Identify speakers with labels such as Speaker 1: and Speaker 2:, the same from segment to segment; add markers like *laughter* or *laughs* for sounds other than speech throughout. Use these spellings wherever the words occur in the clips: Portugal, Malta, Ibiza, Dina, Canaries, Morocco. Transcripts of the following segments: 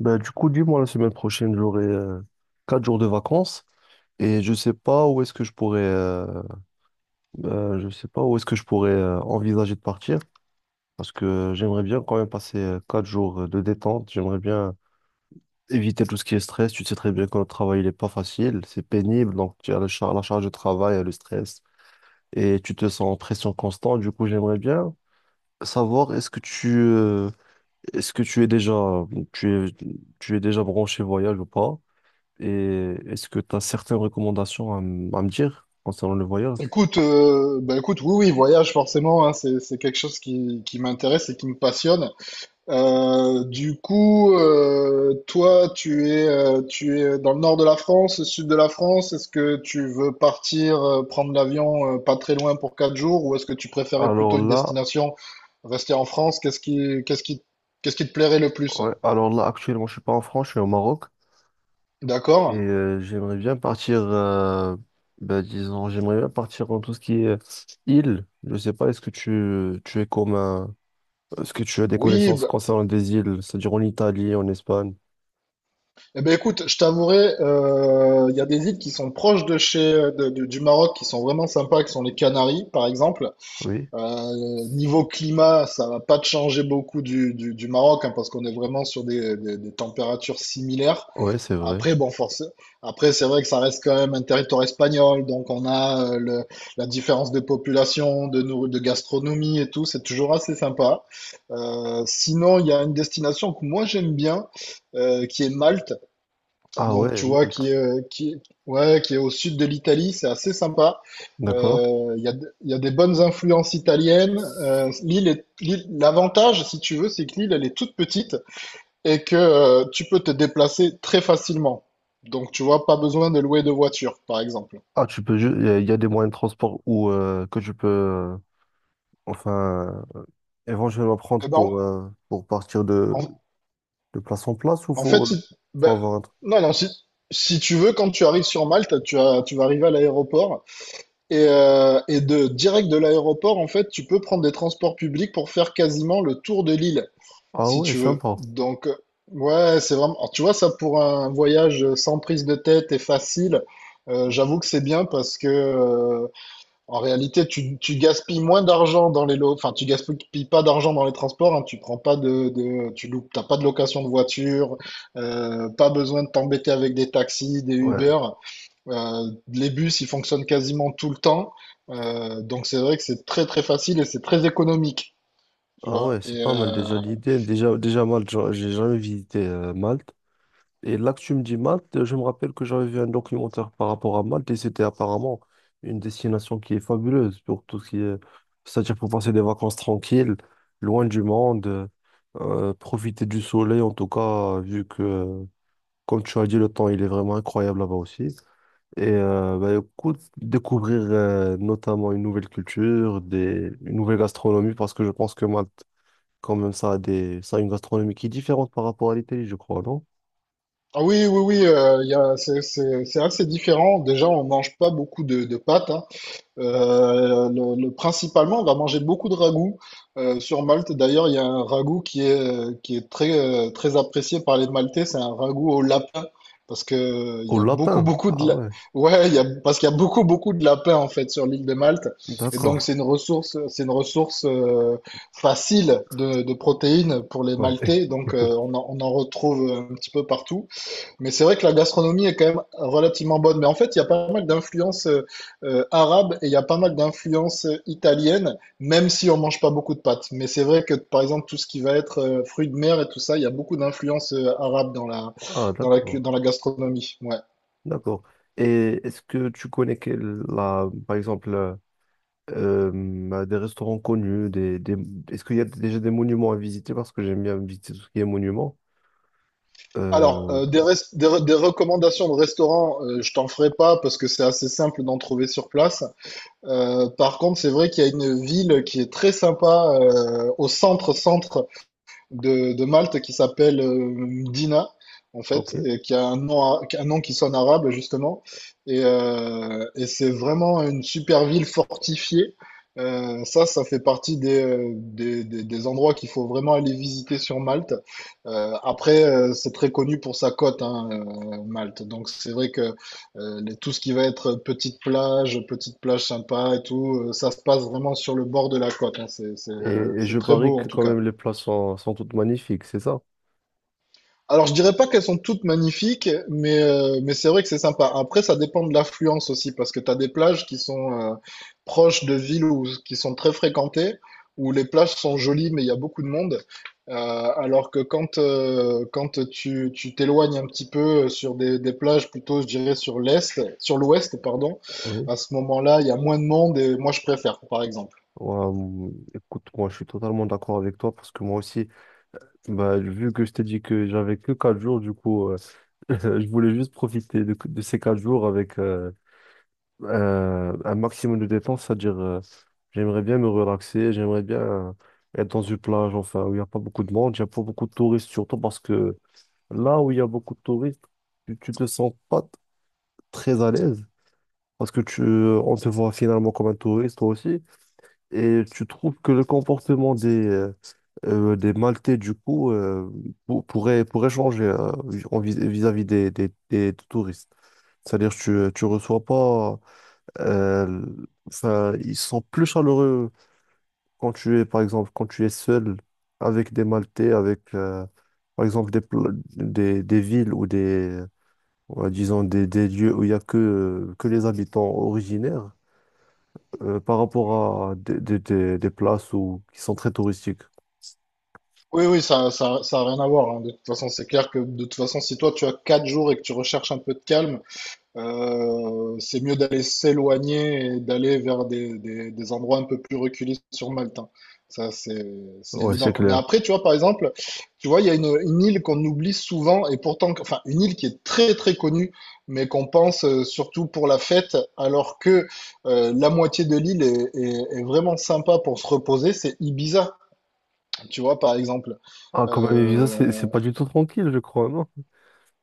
Speaker 1: Ben, du coup, dis-moi, la semaine prochaine, j'aurai quatre jours de vacances et je sais pas où est-ce que je je sais pas où est-ce que je pourrais envisager de partir parce que j'aimerais bien quand même passer quatre jours de détente. J'aimerais bien éviter tout ce qui est stress. Tu sais très bien que notre travail, il est pas facile, c'est pénible, donc tu as la charge de travail, le stress et tu te sens en pression constante. Du coup, j'aimerais bien savoir est-ce que est-ce que tu es, tu es déjà branché voyage ou pas? Et est-ce que tu as certaines recommandations à, à me dire concernant le voyage?
Speaker 2: Écoute, écoute, oui, oui, voyage forcément, hein, c'est quelque chose qui m'intéresse et qui me passionne. Toi, tu es dans le nord de la France, le sud de la France. Est-ce que tu veux partir prendre l'avion pas très loin pour quatre jours, ou est-ce que tu préférais
Speaker 1: Alors
Speaker 2: plutôt une
Speaker 1: là,
Speaker 2: destination rester en France? Qu'est-ce qui te plairait le plus?
Speaker 1: ouais, alors là, actuellement, je suis pas en France, je suis au Maroc. Et
Speaker 2: D'accord.
Speaker 1: j'aimerais bien ben, disons, j'aimerais bien partir dans tout ce qui est île. Je sais pas, est-ce que tu es comme un- est-ce que tu as des
Speaker 2: Oui,
Speaker 1: connaissances
Speaker 2: bah,
Speaker 1: concernant des îles, c'est-à-dire en Italie, en Espagne?
Speaker 2: eh ben écoute, je t'avouerai, il y a des îles qui sont proches de chez, de- du Maroc, qui sont vraiment sympas, qui sont les Canaries, par exemple.
Speaker 1: Oui,
Speaker 2: Niveau climat, ça va pas te changer beaucoup du Maroc, hein, parce qu'on est vraiment sur des températures similaires.
Speaker 1: ouais, c'est vrai.
Speaker 2: Après, bon, forcément, après, c'est vrai que ça reste quand même un territoire espagnol, donc on a la différence de population, de gastronomie et tout, c'est toujours assez sympa. Sinon, il y a une destination que moi j'aime bien qui est Malte.
Speaker 1: Ah
Speaker 2: Donc,
Speaker 1: ouais,
Speaker 2: tu vois,
Speaker 1: Malte,
Speaker 2: ouais, qui est au sud de l'Italie, c'est assez sympa.
Speaker 1: d'accord.
Speaker 2: Il y a, il y a des bonnes influences italiennes. L'avantage, si tu veux, c'est que l'île, elle est toute petite et que tu peux te déplacer très facilement. Donc, tu vois, pas besoin de louer de voiture, par exemple.
Speaker 1: Ah, tu peux, a y a des moyens de transport où que tu enfin. Éventuellement prendre
Speaker 2: Eh ben,
Speaker 1: pour partir
Speaker 2: en,
Speaker 1: de place en place ou
Speaker 2: en fait,
Speaker 1: faut,
Speaker 2: si,
Speaker 1: faut
Speaker 2: ben,
Speaker 1: avoir un truc.
Speaker 2: non, non, si, si tu veux, quand tu arrives sur Malte, tu vas arriver à l'aéroport. Et de direct de l'aéroport, en fait, tu peux prendre des transports publics pour faire quasiment le tour de l'île,
Speaker 1: Ah
Speaker 2: si
Speaker 1: ouais,
Speaker 2: tu veux.
Speaker 1: sympa.
Speaker 2: C'est vraiment. Alors, tu vois, ça pour un voyage sans prise de tête et facile, j'avoue que c'est bien parce que, en réalité, tu gaspilles moins d'argent dans les lots. Enfin, tu gaspilles pas d'argent dans les transports, hein, tu prends pas tu loupes, t'as pas de location de voiture, pas besoin de t'embêter avec des taxis, des
Speaker 1: Ouais.
Speaker 2: Uber. Les bus, ils fonctionnent quasiment tout le temps. Donc c'est vrai que c'est très très facile et c'est très économique, tu
Speaker 1: Ah
Speaker 2: vois.
Speaker 1: ouais, c'est
Speaker 2: Et,
Speaker 1: pas mal déjà l'idée. Déjà, déjà Malte, j'ai jamais visité Malte. Et là que tu me dis Malte, je me rappelle que j'avais vu un documentaire par rapport à Malte et c'était apparemment une destination qui est fabuleuse pour tout ce qui est… C'est-à-dire pour passer des vacances tranquilles, loin du profiter du soleil en tout cas, vu que, comme tu as dit, le temps il est vraiment incroyable là-bas aussi. Et bah, écoute, découvrir notamment une nouvelle culture, des, une nouvelle gastronomie, parce que je pense que Malte, quand même, ça a des, ça a une gastronomie qui est différente par rapport à l'Italie, je crois, non?
Speaker 2: ah oui, oui, oui, il y a, c'est assez différent. Déjà, on mange pas beaucoup de pâtes, hein. Principalement, on va manger beaucoup de ragoût sur Malte. D'ailleurs, il y a un ragoût qui est très, très apprécié par les Maltais. C'est un ragoût au lapin parce que il
Speaker 1: Au
Speaker 2: y a beaucoup,
Speaker 1: lapin.
Speaker 2: beaucoup
Speaker 1: Ah ouais,
Speaker 2: ouais, il y a, parce qu'il y a beaucoup, beaucoup de lapins en fait sur l'île de Malte. Et donc,
Speaker 1: d'accord.
Speaker 2: c'est une ressource facile de protéines pour les
Speaker 1: Ouais.
Speaker 2: Maltais. Donc, on en retrouve un petit peu partout. Mais c'est vrai que la gastronomie est quand même relativement bonne. Mais en fait, il y a pas mal d'influences arabes et il y a pas mal d'influences italiennes, même si on mange pas beaucoup de pâtes. Mais c'est vrai que, par exemple, tout ce qui va être fruits de mer et tout ça, il y a beaucoup d'influences arabes dans la,
Speaker 1: Ah d'accord,
Speaker 2: dans la gastronomie. Ouais.
Speaker 1: d'accord. Et est-ce que tu connais la, par euh, bah, des restaurants connus, des, est-ce qu'il y a déjà des monuments à visiter? Parce que j'aime bien visiter tout ce qui est monuments.
Speaker 2: Alors,
Speaker 1: Euh,
Speaker 2: des recommandations de restaurants, je t'en ferai pas parce que c'est assez simple d'en trouver sur place. Par contre, c'est vrai qu'il y a une ville qui est très sympa au centre-centre de Malte qui s'appelle Dina, en fait,
Speaker 1: ok.
Speaker 2: et qui a un qui a un nom qui sonne arabe, justement. Et c'est vraiment une super ville fortifiée. Ça fait partie des, des endroits qu'il faut vraiment aller visiter sur Malte. Après, c'est très connu pour sa côte, hein, Malte. Donc, c'est vrai que tout ce qui va être petite plage sympa et tout, ça se passe vraiment sur le bord de la côte, hein.
Speaker 1: Et je
Speaker 2: C'est très
Speaker 1: parie
Speaker 2: beau, en
Speaker 1: que
Speaker 2: tout
Speaker 1: quand
Speaker 2: cas.
Speaker 1: même les plats sont, sont toutes magnifiques, c'est ça?
Speaker 2: Alors, je dirais pas qu'elles sont toutes magnifiques, mais c'est vrai que c'est sympa. Après, ça dépend de l'affluence aussi, parce que tu as des plages qui sont proches de villes ou qui sont très fréquentées, où les plages sont jolies, mais il y a beaucoup de monde. Euh, alors que quand, quand tu t'éloignes un petit peu sur des, plages, plutôt, je dirais, sur l'ouest, pardon,
Speaker 1: Oui.
Speaker 2: à ce moment-là, il y a moins de monde et moi, je préfère, par exemple.
Speaker 1: Ouais, écoute, moi je suis totalement d'accord avec toi parce que moi aussi, bah, vu que je t'ai dit que j'avais que 4 jours, du *laughs* je voulais juste profiter de ces 4 jours un maximum de dépenses, c'est-à-dire j'aimerais bien me relaxer, j'aimerais bien être dans une plage, enfin, où il n'y a pas beaucoup de monde, il n'y a pas beaucoup de touristes, surtout parce que là où il y a beaucoup de touristes, tu te sens pas très à l'aise. Parce que on te voit finalement comme un touriste, toi aussi, et tu trouves que le comportement des Maltais, du pourrait, pourrait changer en vis-à-vis des touristes. C'est-à-dire tu, tu reçois pas euh, enfin, ils sont plus chaleureux quand tu es, par exemple, quand tu es seul avec des Maltais, par exemple, des, des villes ou des, ouais, disons, des lieux où il n'y a que les habitants originaires, par rapport à des places où, qui sont très touristiques.
Speaker 2: Oui, oui, ça a rien à voir, hein. De toute façon, c'est clair que de toute façon, si toi tu as quatre jours et que tu recherches un peu de calme, c'est mieux d'aller s'éloigner et d'aller vers des, des endroits un peu plus reculés sur Malte, hein. Ça, c'est, c'est
Speaker 1: Ouais,
Speaker 2: évident,
Speaker 1: c'est
Speaker 2: quoi. Mais
Speaker 1: clair.
Speaker 2: après, tu vois, par exemple, tu vois, il y a une île qu'on oublie souvent et pourtant, enfin, une île qui est très, très connue, mais qu'on pense surtout pour la fête, alors que la moitié de l'île est vraiment sympa pour se reposer, c'est Ibiza, tu vois, par exemple.
Speaker 1: Ah, quand même, les visas, c'est
Speaker 2: Euh,
Speaker 1: pas du tout tranquille, je crois, non?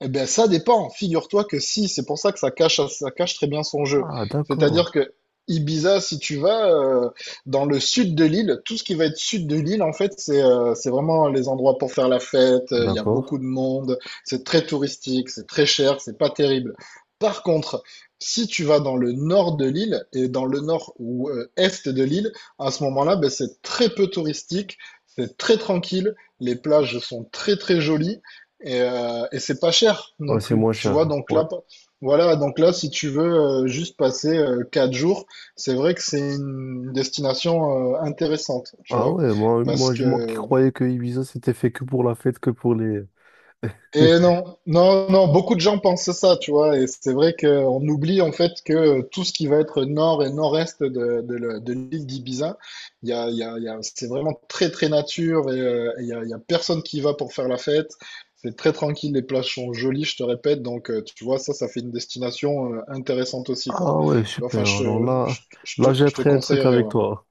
Speaker 2: eh bien, ça dépend. Figure-toi que si, c'est pour ça que ça cache très bien son jeu.
Speaker 1: Ah, d'accord.
Speaker 2: C'est-à-dire que Ibiza, si tu vas dans le sud de l'île, tout ce qui va être sud de l'île, en fait, c'est vraiment les endroits pour faire la fête. Il y a
Speaker 1: D'accord.
Speaker 2: beaucoup de monde, c'est très touristique, c'est très cher, c'est pas terrible. Par contre, si tu vas dans le nord de l'île et dans le nord ou est de l'île, à ce moment-là, ben, c'est très peu touristique, c'est très tranquille, les plages sont très très jolies. Et c'est pas cher non
Speaker 1: Ouais, c'est
Speaker 2: plus,
Speaker 1: moins
Speaker 2: tu vois.
Speaker 1: cher. Ouais.
Speaker 2: Voilà. Donc là, si tu veux juste passer quatre jours, c'est vrai que c'est une destination intéressante, tu
Speaker 1: Ah
Speaker 2: vois,
Speaker 1: ouais, moi,
Speaker 2: parce
Speaker 1: moi qui
Speaker 2: que
Speaker 1: croyais que Ibiza c'était fait que pour la fête, que pour les…
Speaker 2: et
Speaker 1: *laughs*
Speaker 2: non, non, non, beaucoup de gens pensent ça, tu vois, et c'est vrai qu'on oublie en fait que tout ce qui va être nord et nord-est de l'île d'Ibiza, il y a, il y a, il y a- c'est vraiment très très nature et il y a personne qui y va pour faire la fête. C'est très tranquille, les plages sont jolies, je te répète, donc tu vois, ça fait une destination intéressante aussi, quoi.
Speaker 1: Ah ouais,
Speaker 2: Tu vois, enfin,
Speaker 1: super. Alors là, là j'ai
Speaker 2: je te
Speaker 1: appris un truc
Speaker 2: conseillerais,
Speaker 1: avec
Speaker 2: ouais.
Speaker 1: toi.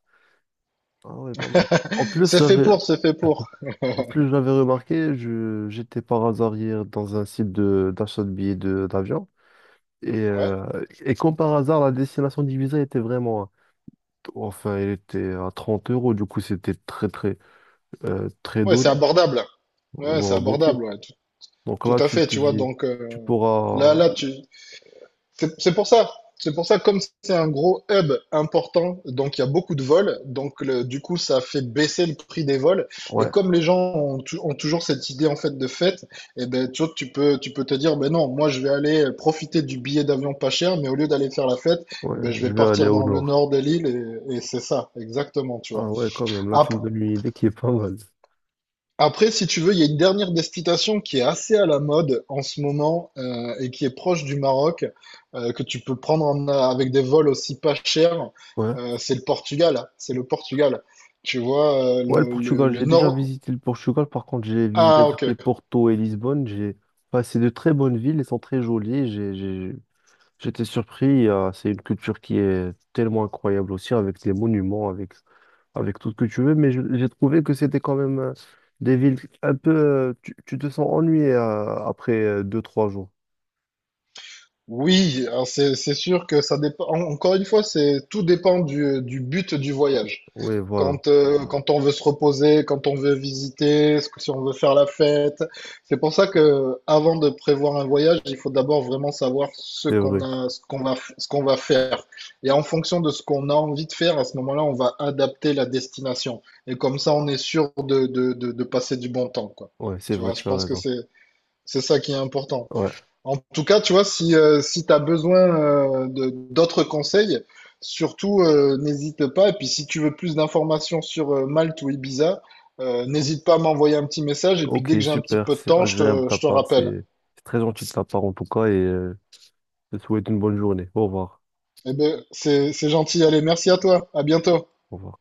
Speaker 1: Ah ouais, pas mal. En plus,
Speaker 2: C'est fait
Speaker 1: j'avais,
Speaker 2: pour, c'est fait pour.
Speaker 1: en plus, j'avais remarqué, je, j'étais par hasard hier dans un site de, d'achat de billets de, d'avion.
Speaker 2: Ouais,
Speaker 1: Et comme par hasard, la destination d'Ibiza était vraiment, enfin, elle était à 30 euros, du coup, c'était très, très
Speaker 2: ouais, c'est
Speaker 1: donné,
Speaker 2: abordable. Ouais, c'est
Speaker 1: voire beaucoup.
Speaker 2: abordable, ouais.
Speaker 1: Donc
Speaker 2: Tout
Speaker 1: là,
Speaker 2: à
Speaker 1: tu
Speaker 2: fait,
Speaker 1: te
Speaker 2: tu vois,
Speaker 1: dis,
Speaker 2: donc
Speaker 1: tu pourras,
Speaker 2: là, tu... c'est pour ça. C'est pour ça, comme c'est un gros hub important, donc il y a beaucoup de vols, du coup, ça fait baisser le prix des vols. Et
Speaker 1: ouais,
Speaker 2: comme les gens ont toujours cette idée en fait de fête, et ben tu vois, tu peux te dire, ben non, moi je vais aller profiter du billet d'avion pas cher, mais au lieu d'aller faire la fête,
Speaker 1: ouais,
Speaker 2: eh ben, je
Speaker 1: je
Speaker 2: vais
Speaker 1: vais aller
Speaker 2: partir
Speaker 1: au
Speaker 2: dans le
Speaker 1: nord.
Speaker 2: nord de l'île et c'est ça, exactement, tu vois.
Speaker 1: Ah ouais, quand même, là tu
Speaker 2: Ap-
Speaker 1: me donnes une idée qui est pas mal.
Speaker 2: Après, si tu veux, il y a une dernière destination qui est assez à la mode en ce moment et qui est proche du Maroc, que tu peux prendre avec des vols aussi pas chers,
Speaker 1: Ouais.
Speaker 2: c'est le Portugal. C'est le Portugal. Tu vois,
Speaker 1: Ouais, le Portugal,
Speaker 2: le
Speaker 1: j'ai déjà
Speaker 2: nord.
Speaker 1: visité le Portugal, par contre j'ai visité
Speaker 2: Ah,
Speaker 1: tout ce qui
Speaker 2: ok.
Speaker 1: est Porto et Lisbonne. J'ai… Enfin, c'est de très bonnes villes, elles sont très jolies. J'étais surpris, c'est une culture qui est tellement incroyable aussi, avec des monuments, avec, avec tout ce que tu veux, mais j'ai trouvé que c'était quand même des villes un peu… Tu, tu te sens ennuyé après deux, trois jours.
Speaker 2: Oui, alors c'est sûr que ça dépend. Encore une fois, c'est tout dépend du but du voyage.
Speaker 1: Oui, voilà,
Speaker 2: Quand, quand on veut se reposer, quand on veut visiter, si on veut faire la fête. C'est pour ça que avant de prévoir un voyage, il faut d'abord vraiment savoir ce
Speaker 1: c'est
Speaker 2: qu'on
Speaker 1: vrai.
Speaker 2: a, ce qu'on va, ce qu'on va faire. Et en fonction de ce qu'on a envie de faire, à ce moment-là, on va adapter la destination. Et comme ça, on est sûr de passer du bon temps, quoi.
Speaker 1: Ouais, c'est
Speaker 2: Tu
Speaker 1: vrai,
Speaker 2: vois, je
Speaker 1: tu as
Speaker 2: pense que
Speaker 1: raison.
Speaker 2: c'est ça qui est important.
Speaker 1: Ouais.
Speaker 2: En tout cas, tu vois, si, si tu as besoin d'autres conseils, surtout n'hésite pas. Et puis si tu veux plus d'informations sur Malte ou Ibiza, n'hésite pas à m'envoyer un petit message. Et puis
Speaker 1: Ok,
Speaker 2: dès que j'ai un petit
Speaker 1: super,
Speaker 2: peu de
Speaker 1: c'est
Speaker 2: temps,
Speaker 1: agréable de ta
Speaker 2: je te
Speaker 1: part,
Speaker 2: rappelle.
Speaker 1: c'est très gentil de ta part en tout cas et je te souhaite une bonne journée. Au revoir.
Speaker 2: Eh ben, c'est gentil. Allez, merci à toi. À bientôt.
Speaker 1: Au revoir.